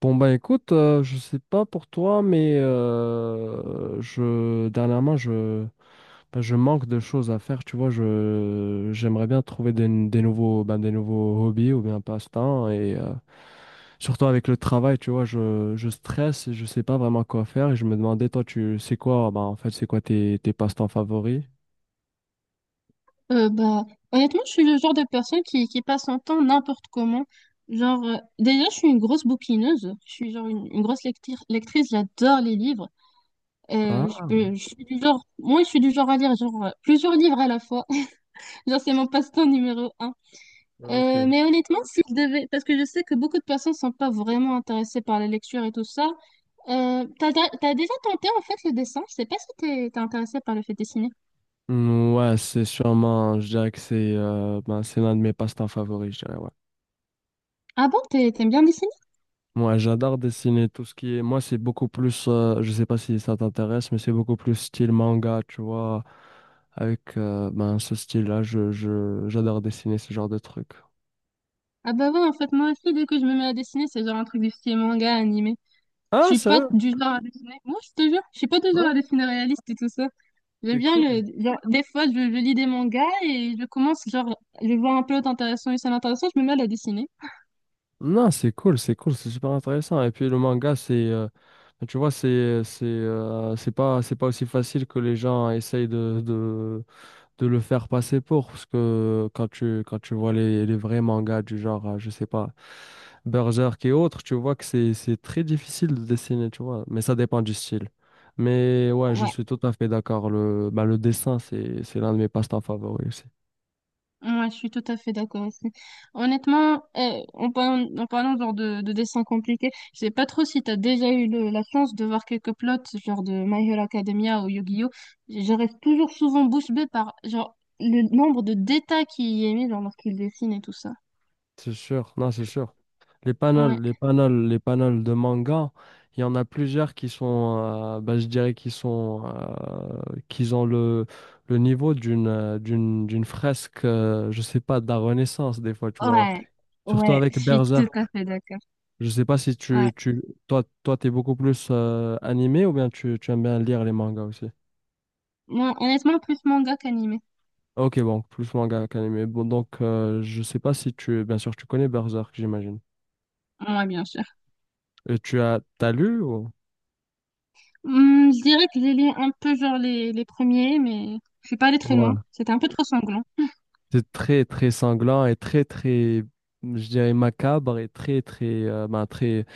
Bon, bah écoute, je sais pas pour toi, mais je dernièrement je ben, je manque de choses à faire, tu vois, je j'aimerais bien trouver des nouveaux des nouveaux hobbies ou bien passe-temps et surtout avec le travail, tu vois, je stresse et je sais pas vraiment quoi faire et je me demandais toi tu c'est quoi en fait c'est quoi tes passe-temps favoris? Euh, bah, Honnêtement, je suis le genre de personne qui passe son temps n'importe comment. Déjà, je suis une grosse bouquineuse. Je suis genre une lectrice. J'adore les livres. Ah, Je suis du genre, moi, je suis du genre à lire genre plusieurs livres à la fois. Genre, c'est mon passe-temps numéro un. Ok. Mais honnêtement, si je devais, parce que je sais que beaucoup de personnes sont pas vraiment intéressées par la lecture et tout ça. T'as déjà tenté en fait le dessin? Je sais pas si t'es intéressée par le fait de dessiner. Ouais, c'est sûrement, je dirais que c'est c'est l'un de mes passe-temps favoris, je dirais, ouais. Ah bon, t'aimes bien dessiner? Moi, j'adore dessiner tout ce qui est. Moi, c'est beaucoup plus. Je sais pas si ça t'intéresse, mais c'est beaucoup plus style manga, tu vois. Avec ce style-là, j'adore dessiner ce genre de trucs. Ah bah ouais, en fait, moi aussi, dès que je me mets à dessiner, c'est genre un truc du style manga, animé. Je Ah, suis pas sérieux? du genre à dessiner. Moi, je te jure, je suis pas du genre à Ouais, dessiner réaliste et tout ça. J'aime c'est bien cool. le... Genre, des fois, je lis des mangas et je commence, genre, je vois un plot intéressant, une scène intéressante, je me mets à la dessiner. Non, c'est cool, c'est cool, c'est super intéressant. Et puis le manga, c'est. Tu vois, c'est pas aussi facile que les gens essayent de le faire passer pour. Parce que quand quand tu vois les vrais mangas du genre, je sais pas. Berserk et autres, tu vois que c'est très difficile de dessiner, tu vois, mais ça dépend du style. Mais ouais, je Ouais, suis tout à fait d'accord. Le dessin, c'est l'un de mes passe-temps favoris aussi. ouais, je suis tout à fait d'accord aussi. Honnêtement, en parlant genre de dessin compliqué, je sais pas trop si t'as déjà eu la chance de voir quelques plots genre de My Hero Academia ou Yu-Gi-Oh! Je reste toujours souvent bouche bée par genre le nombre de détails qu'il y est mis genre lorsqu'il dessine et tout ça. C'est sûr, non, c'est sûr. Ouais, Les panels de manga, il y en a plusieurs qui sont, je dirais qu'ils sont, qu'ils ont le niveau d'une fresque, je sais pas, de la Renaissance des fois, tu vois. ouais, Surtout ouais, avec je suis tout à Berserk. fait d'accord. Je sais pas si tu, Ouais. tu toi toi t'es beaucoup plus animé ou bien tu aimes bien lire les mangas aussi. Moi, honnêtement, plus manga qu'animé. Ok, bon, plus manga qu'animé. Bon, donc je sais pas si tu bien sûr tu connais Berserk, j'imagine. Ouais, bien sûr. Et tu as t'as lu ou? Je dirais que j'ai lu un peu genre les premiers, mais je suis pas allée très loin. Ouais. C'était un peu trop sanglant. C'est très très sanglant et très très, je dirais, macabre et très très ben, très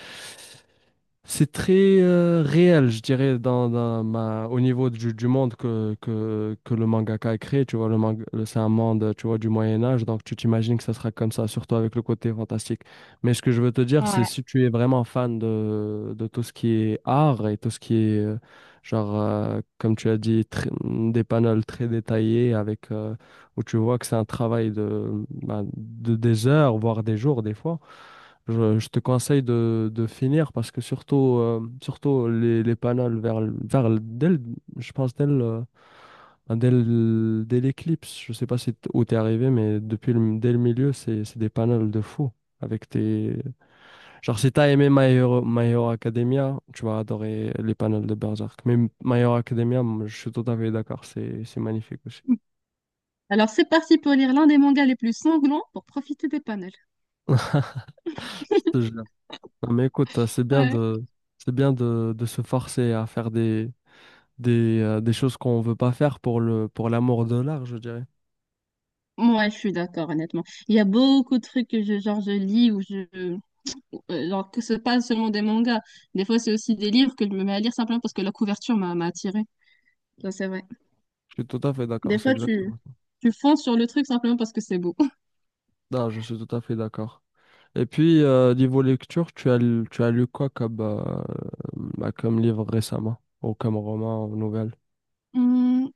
c'est très réel, je dirais, dans au niveau du monde que le mangaka a créé. Tu vois, le manga, c'est un monde, tu vois, du Moyen Âge, donc tu t'imagines que ça sera comme ça, surtout avec le côté fantastique. Mais ce que je veux te dire, c'est Ouais. si tu es vraiment fan de tout ce qui est art et tout ce qui est, comme tu as dit, des panels très détaillés avec, où tu vois que c'est un travail de, des heures, voire des jours, des fois. Je te conseille de finir parce que surtout, surtout les panels vers le- dès le- je pense dès le- dès le- dès l'éclipse, je sais pas si t- où t'es arrivé, mais dès le milieu, c'est des panels de fou. Avec tes... Genre, si t'as aimé My Hero Academia, tu vas adorer les panels de Berserk. Mais My Hero Academia, moi, je suis tout à fait d'accord, c'est magnifique aussi. Alors c'est parti pour lire l'un des mangas les plus sanglants pour profiter des panels. Je te jure. Non, mais écoute, Ouais. C'est bien de se forcer à faire des choses qu'on veut pas faire pour pour l'amour de l'art, je dirais. Ouais, je suis d'accord, honnêtement. Il y a beaucoup de trucs que je, genre, je lis ou je. Genre, que ce pas seulement des mangas. Des fois, c'est aussi des livres que je me mets à lire simplement parce que la couverture m'a attirée. Ça, c'est vrai. Je suis tout à fait d'accord, Des c'est fois, exactement. tu fonces sur le truc simplement parce que c'est beau. Non, je suis tout à fait d'accord. Et puis, niveau lecture, tu as lu quoi comme, comme livre récemment, ou comme roman, ou nouvelle? Hum,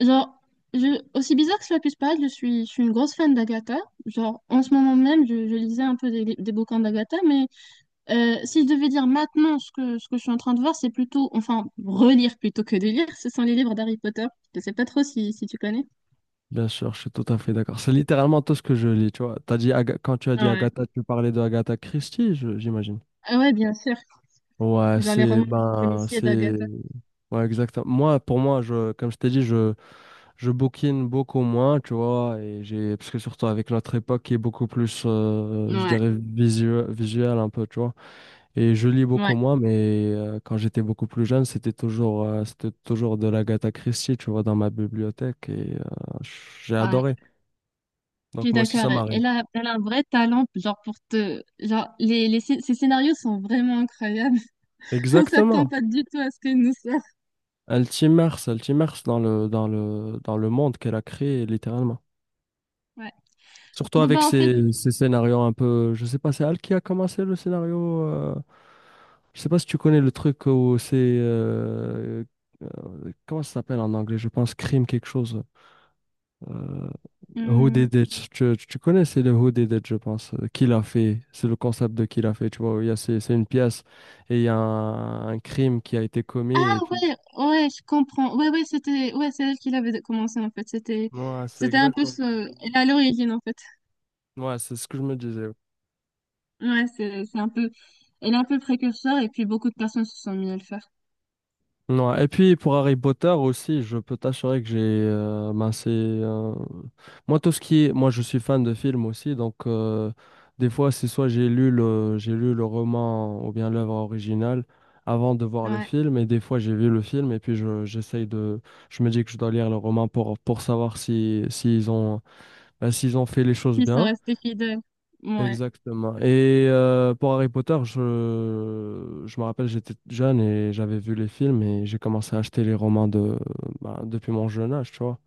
genre, Aussi bizarre que cela puisse paraître, je suis une grosse fan d'Agatha. Genre, en ce moment même, je lisais un peu des bouquins d'Agatha, mais si je devais dire maintenant ce que je suis en train de voir, c'est plutôt, enfin, relire plutôt que de lire, ce sont les livres d'Harry Potter. Je sais pas trop si tu connais. Bien sûr, je suis tout à fait d'accord. C'est littéralement tout ce que je lis, tu vois. Quand tu as dit Ouais. Agatha, tu parlais de Agatha Christie, j'imagine. Ah ouais, bien sûr. Ouais, Genre les c'est romans ben policiers c'est d'Agatha. Ouais, exactement. Moi, pour moi, je, comme je t'ai dit, je bouquine beaucoup moins, tu vois, et j'ai parce que surtout avec notre époque qui est beaucoup plus je Ouais, dirais visuel un peu, tu vois. Et je lis beaucoup ouais, moins mais quand j'étais beaucoup plus jeune, c'était toujours de l'Agatha Christie, tu vois, dans ma bibliothèque et j'ai adoré. ouais. Je Donc suis moi aussi ça d'accord. M'arrive. Elle a un vrai talent, genre pour te... Genre, ces scénarios sont vraiment incroyables. On s'attend Exactement. pas du tout à ce qu'elle nous sorte. Elle t'immerse dans le monde qu'elle a créé littéralement. Ouais. Surtout Bon, avec bah en fait... ces scénarios un peu. Je sais pas, c'est Al qui a commencé le scénario. Je sais pas si tu connais le truc où c'est. Comment ça s'appelle en anglais? Je pense crime quelque chose. Euh, Who hum, Did It? Connais, c'est le Who Did It, je pense. Qui l'a fait? C'est le concept de qui l'a fait. Tu vois, il y a, c'est une pièce et il y a un crime qui a été commis. ah Et puis, ouais, ouais, je comprends. Ouais, ouais, c'était, ouais, c'est elle qui l'avait commencé en fait. C'était, ouais, c'est c'était un peu exactement. ce, elle est à l'origine en fait. Ouais, c'est ce que je me disais. Ouais, c'est un peu, elle est un peu précurseur et puis beaucoup de personnes se sont mis à le faire. Ouais. Et puis pour Harry Potter aussi, je peux t'assurer que j'ai moi tout ce qui moi je suis fan de films aussi donc des fois c'est soit j'ai lu le roman ou bien l'œuvre originale avant de voir le Ouais, film et des fois j'ai vu le film et puis je j'essaye de je me dis que je dois lire le roman pour savoir si s'ils ont s'ils ont fait les choses ils sont bien. restés fidèles. Ouais, Exactement. Et pour Harry Potter, je me rappelle, j'étais jeune et j'avais vu les films et j'ai commencé à acheter les romans depuis mon jeune âge, tu vois.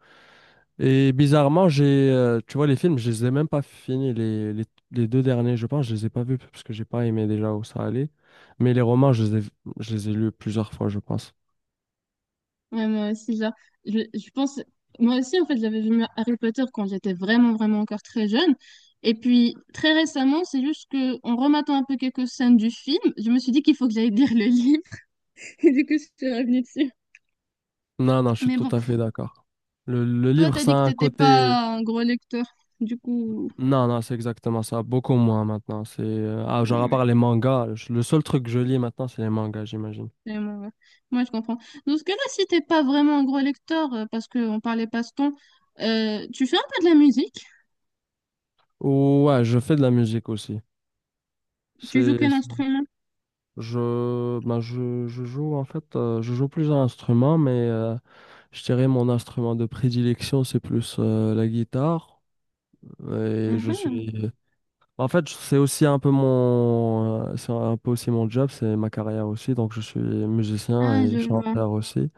Et bizarrement, tu vois, les films, je les ai même pas finis, les deux derniers, je pense, je les ai pas vus parce que j'ai pas aimé déjà où ça allait. Mais les romans, je les ai lus plusieurs fois, je pense. ouais, moi aussi, genre, je pense, moi aussi en fait, j'avais vu Harry Potter quand j'étais vraiment, vraiment encore très jeune. Et puis très récemment, c'est juste que en rematant un peu quelques scènes du film, je me suis dit qu'il faut que j'aille lire le livre. Et du coup, je suis revenue dessus. Non, non, je suis Mais tout bon. à fait d'accord. Le Toi, livre, t'as ça dit que a un t'étais côté... pas un gros lecteur. Du coup, Non, non, c'est exactement ça. Beaucoup moins maintenant. C'est genre à ouais, part les mangas, le seul truc que je lis maintenant, c'est les mangas, j'imagine. c'est bon, ouais. Moi, je comprends. Dans ce cas-là, si t'es pas vraiment un gros lecteur, parce qu'on parlait passe-temps, tu fais un peu de la musique? Ouais, je fais de la musique aussi. Tu joues C'est quel instrument? Je joue en fait, je joue plusieurs instruments, mais je dirais mon instrument de prédilection, c'est plus la guitare. Et je Mhm. suis en fait, c'est aussi un peu mon c'est un peu aussi mon job, c'est ma carrière aussi, donc je suis musicien Ah, et je vois. chanteur aussi.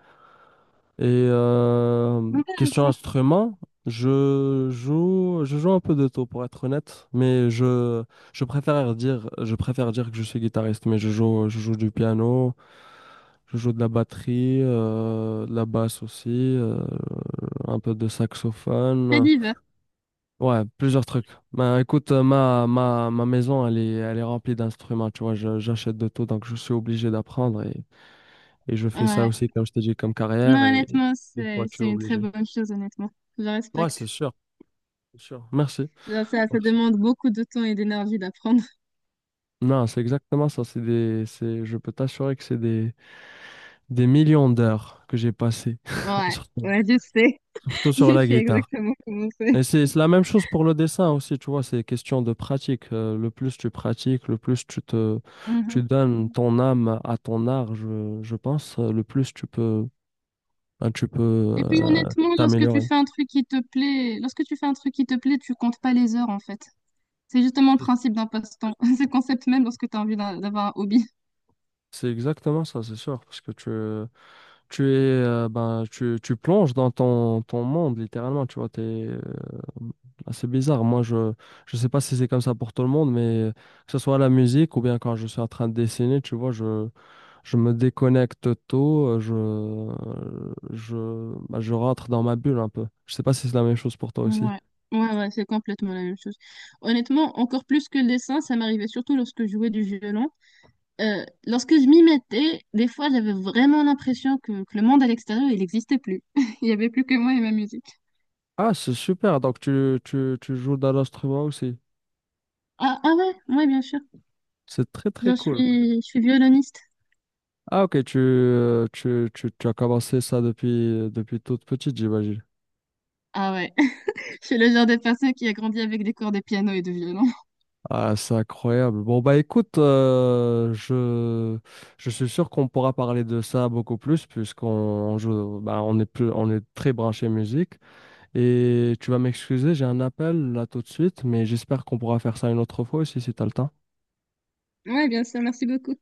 Et question Intéressant. instrument, je joue un peu de tout pour être honnête, mais je préfère dire que je suis guitariste, mais je joue du piano, je joue de la batterie, de la basse aussi, un peu de Très saxophone, divers. ouais, plusieurs trucs. Ben écoute, ma maison, elle est remplie d'instruments, tu vois, j'achète de tout, donc je suis obligé d'apprendre et je fais ça Ouais. aussi, comme je t'ai dit, comme carrière Non, et honnêtement, des fois, tu es c'est une très obligé. bonne chose, honnêtement. Je Ouais, respecte. c'est sûr, c'est sûr. Merci. Genre, ça Merci. demande beaucoup de temps et d'énergie d'apprendre. Non, c'est exactement ça. Je peux t'assurer que c'est des millions d'heures que j'ai passées, Ouais, surtout, ouais, je sais. surtout sur Je la sais guitare. exactement comment c'est. Et c'est la même chose pour le dessin aussi, tu vois, c'est question de pratique. Le plus tu pratiques, le plus tu donnes ton âme à ton art, je pense, le plus tu peux, ben, tu peux Et puis euh, honnêtement, lorsque tu t'améliorer. fais un truc qui te plaît, lorsque tu fais un truc qui te plaît, tu comptes pas les heures en fait. C'est justement le C'est principe d'un passe-temps. C'est le concept même lorsque tu as envie d'avoir un hobby. c'est exactement ça, c'est sûr, parce que tu es tu plonges dans ton monde littéralement, tu vois, t'es assez bizarre. Moi, je sais pas si c'est comme ça pour tout le monde, mais que ce soit la musique ou bien quand je suis en train de dessiner, tu vois, je me déconnecte tôt, je je rentre dans ma bulle un peu. Je sais pas si c'est la même chose pour toi aussi. Ouais, ouais, ouais, c'est complètement la même chose. Honnêtement, encore plus que le dessin, ça m'arrivait surtout lorsque je jouais du violon. Lorsque je m'y mettais, des fois, j'avais vraiment l'impression que le monde à l'extérieur, il n'existait plus. Il n'y avait plus que moi et ma musique. Ah, c'est super, donc tu joues dans l'instrument aussi, Ah, ah ouais, ouais, bien sûr. c'est très très Genre, cool. Je suis violoniste. Ah, ok, tu as commencé ça depuis depuis toute petite, j'imagine. Ah ouais, je suis le genre de personne qui a grandi avec des cours de piano et de violon. Ah, c'est incroyable. Bon, bah écoute, je suis sûr qu'on pourra parler de ça beaucoup plus puisqu'on joue, bah, on est très branché musique. Et tu vas m'excuser, j'ai un appel là tout de suite, mais j'espère qu'on pourra faire ça une autre fois aussi si t'as le temps. Ouais, bien sûr, merci beaucoup.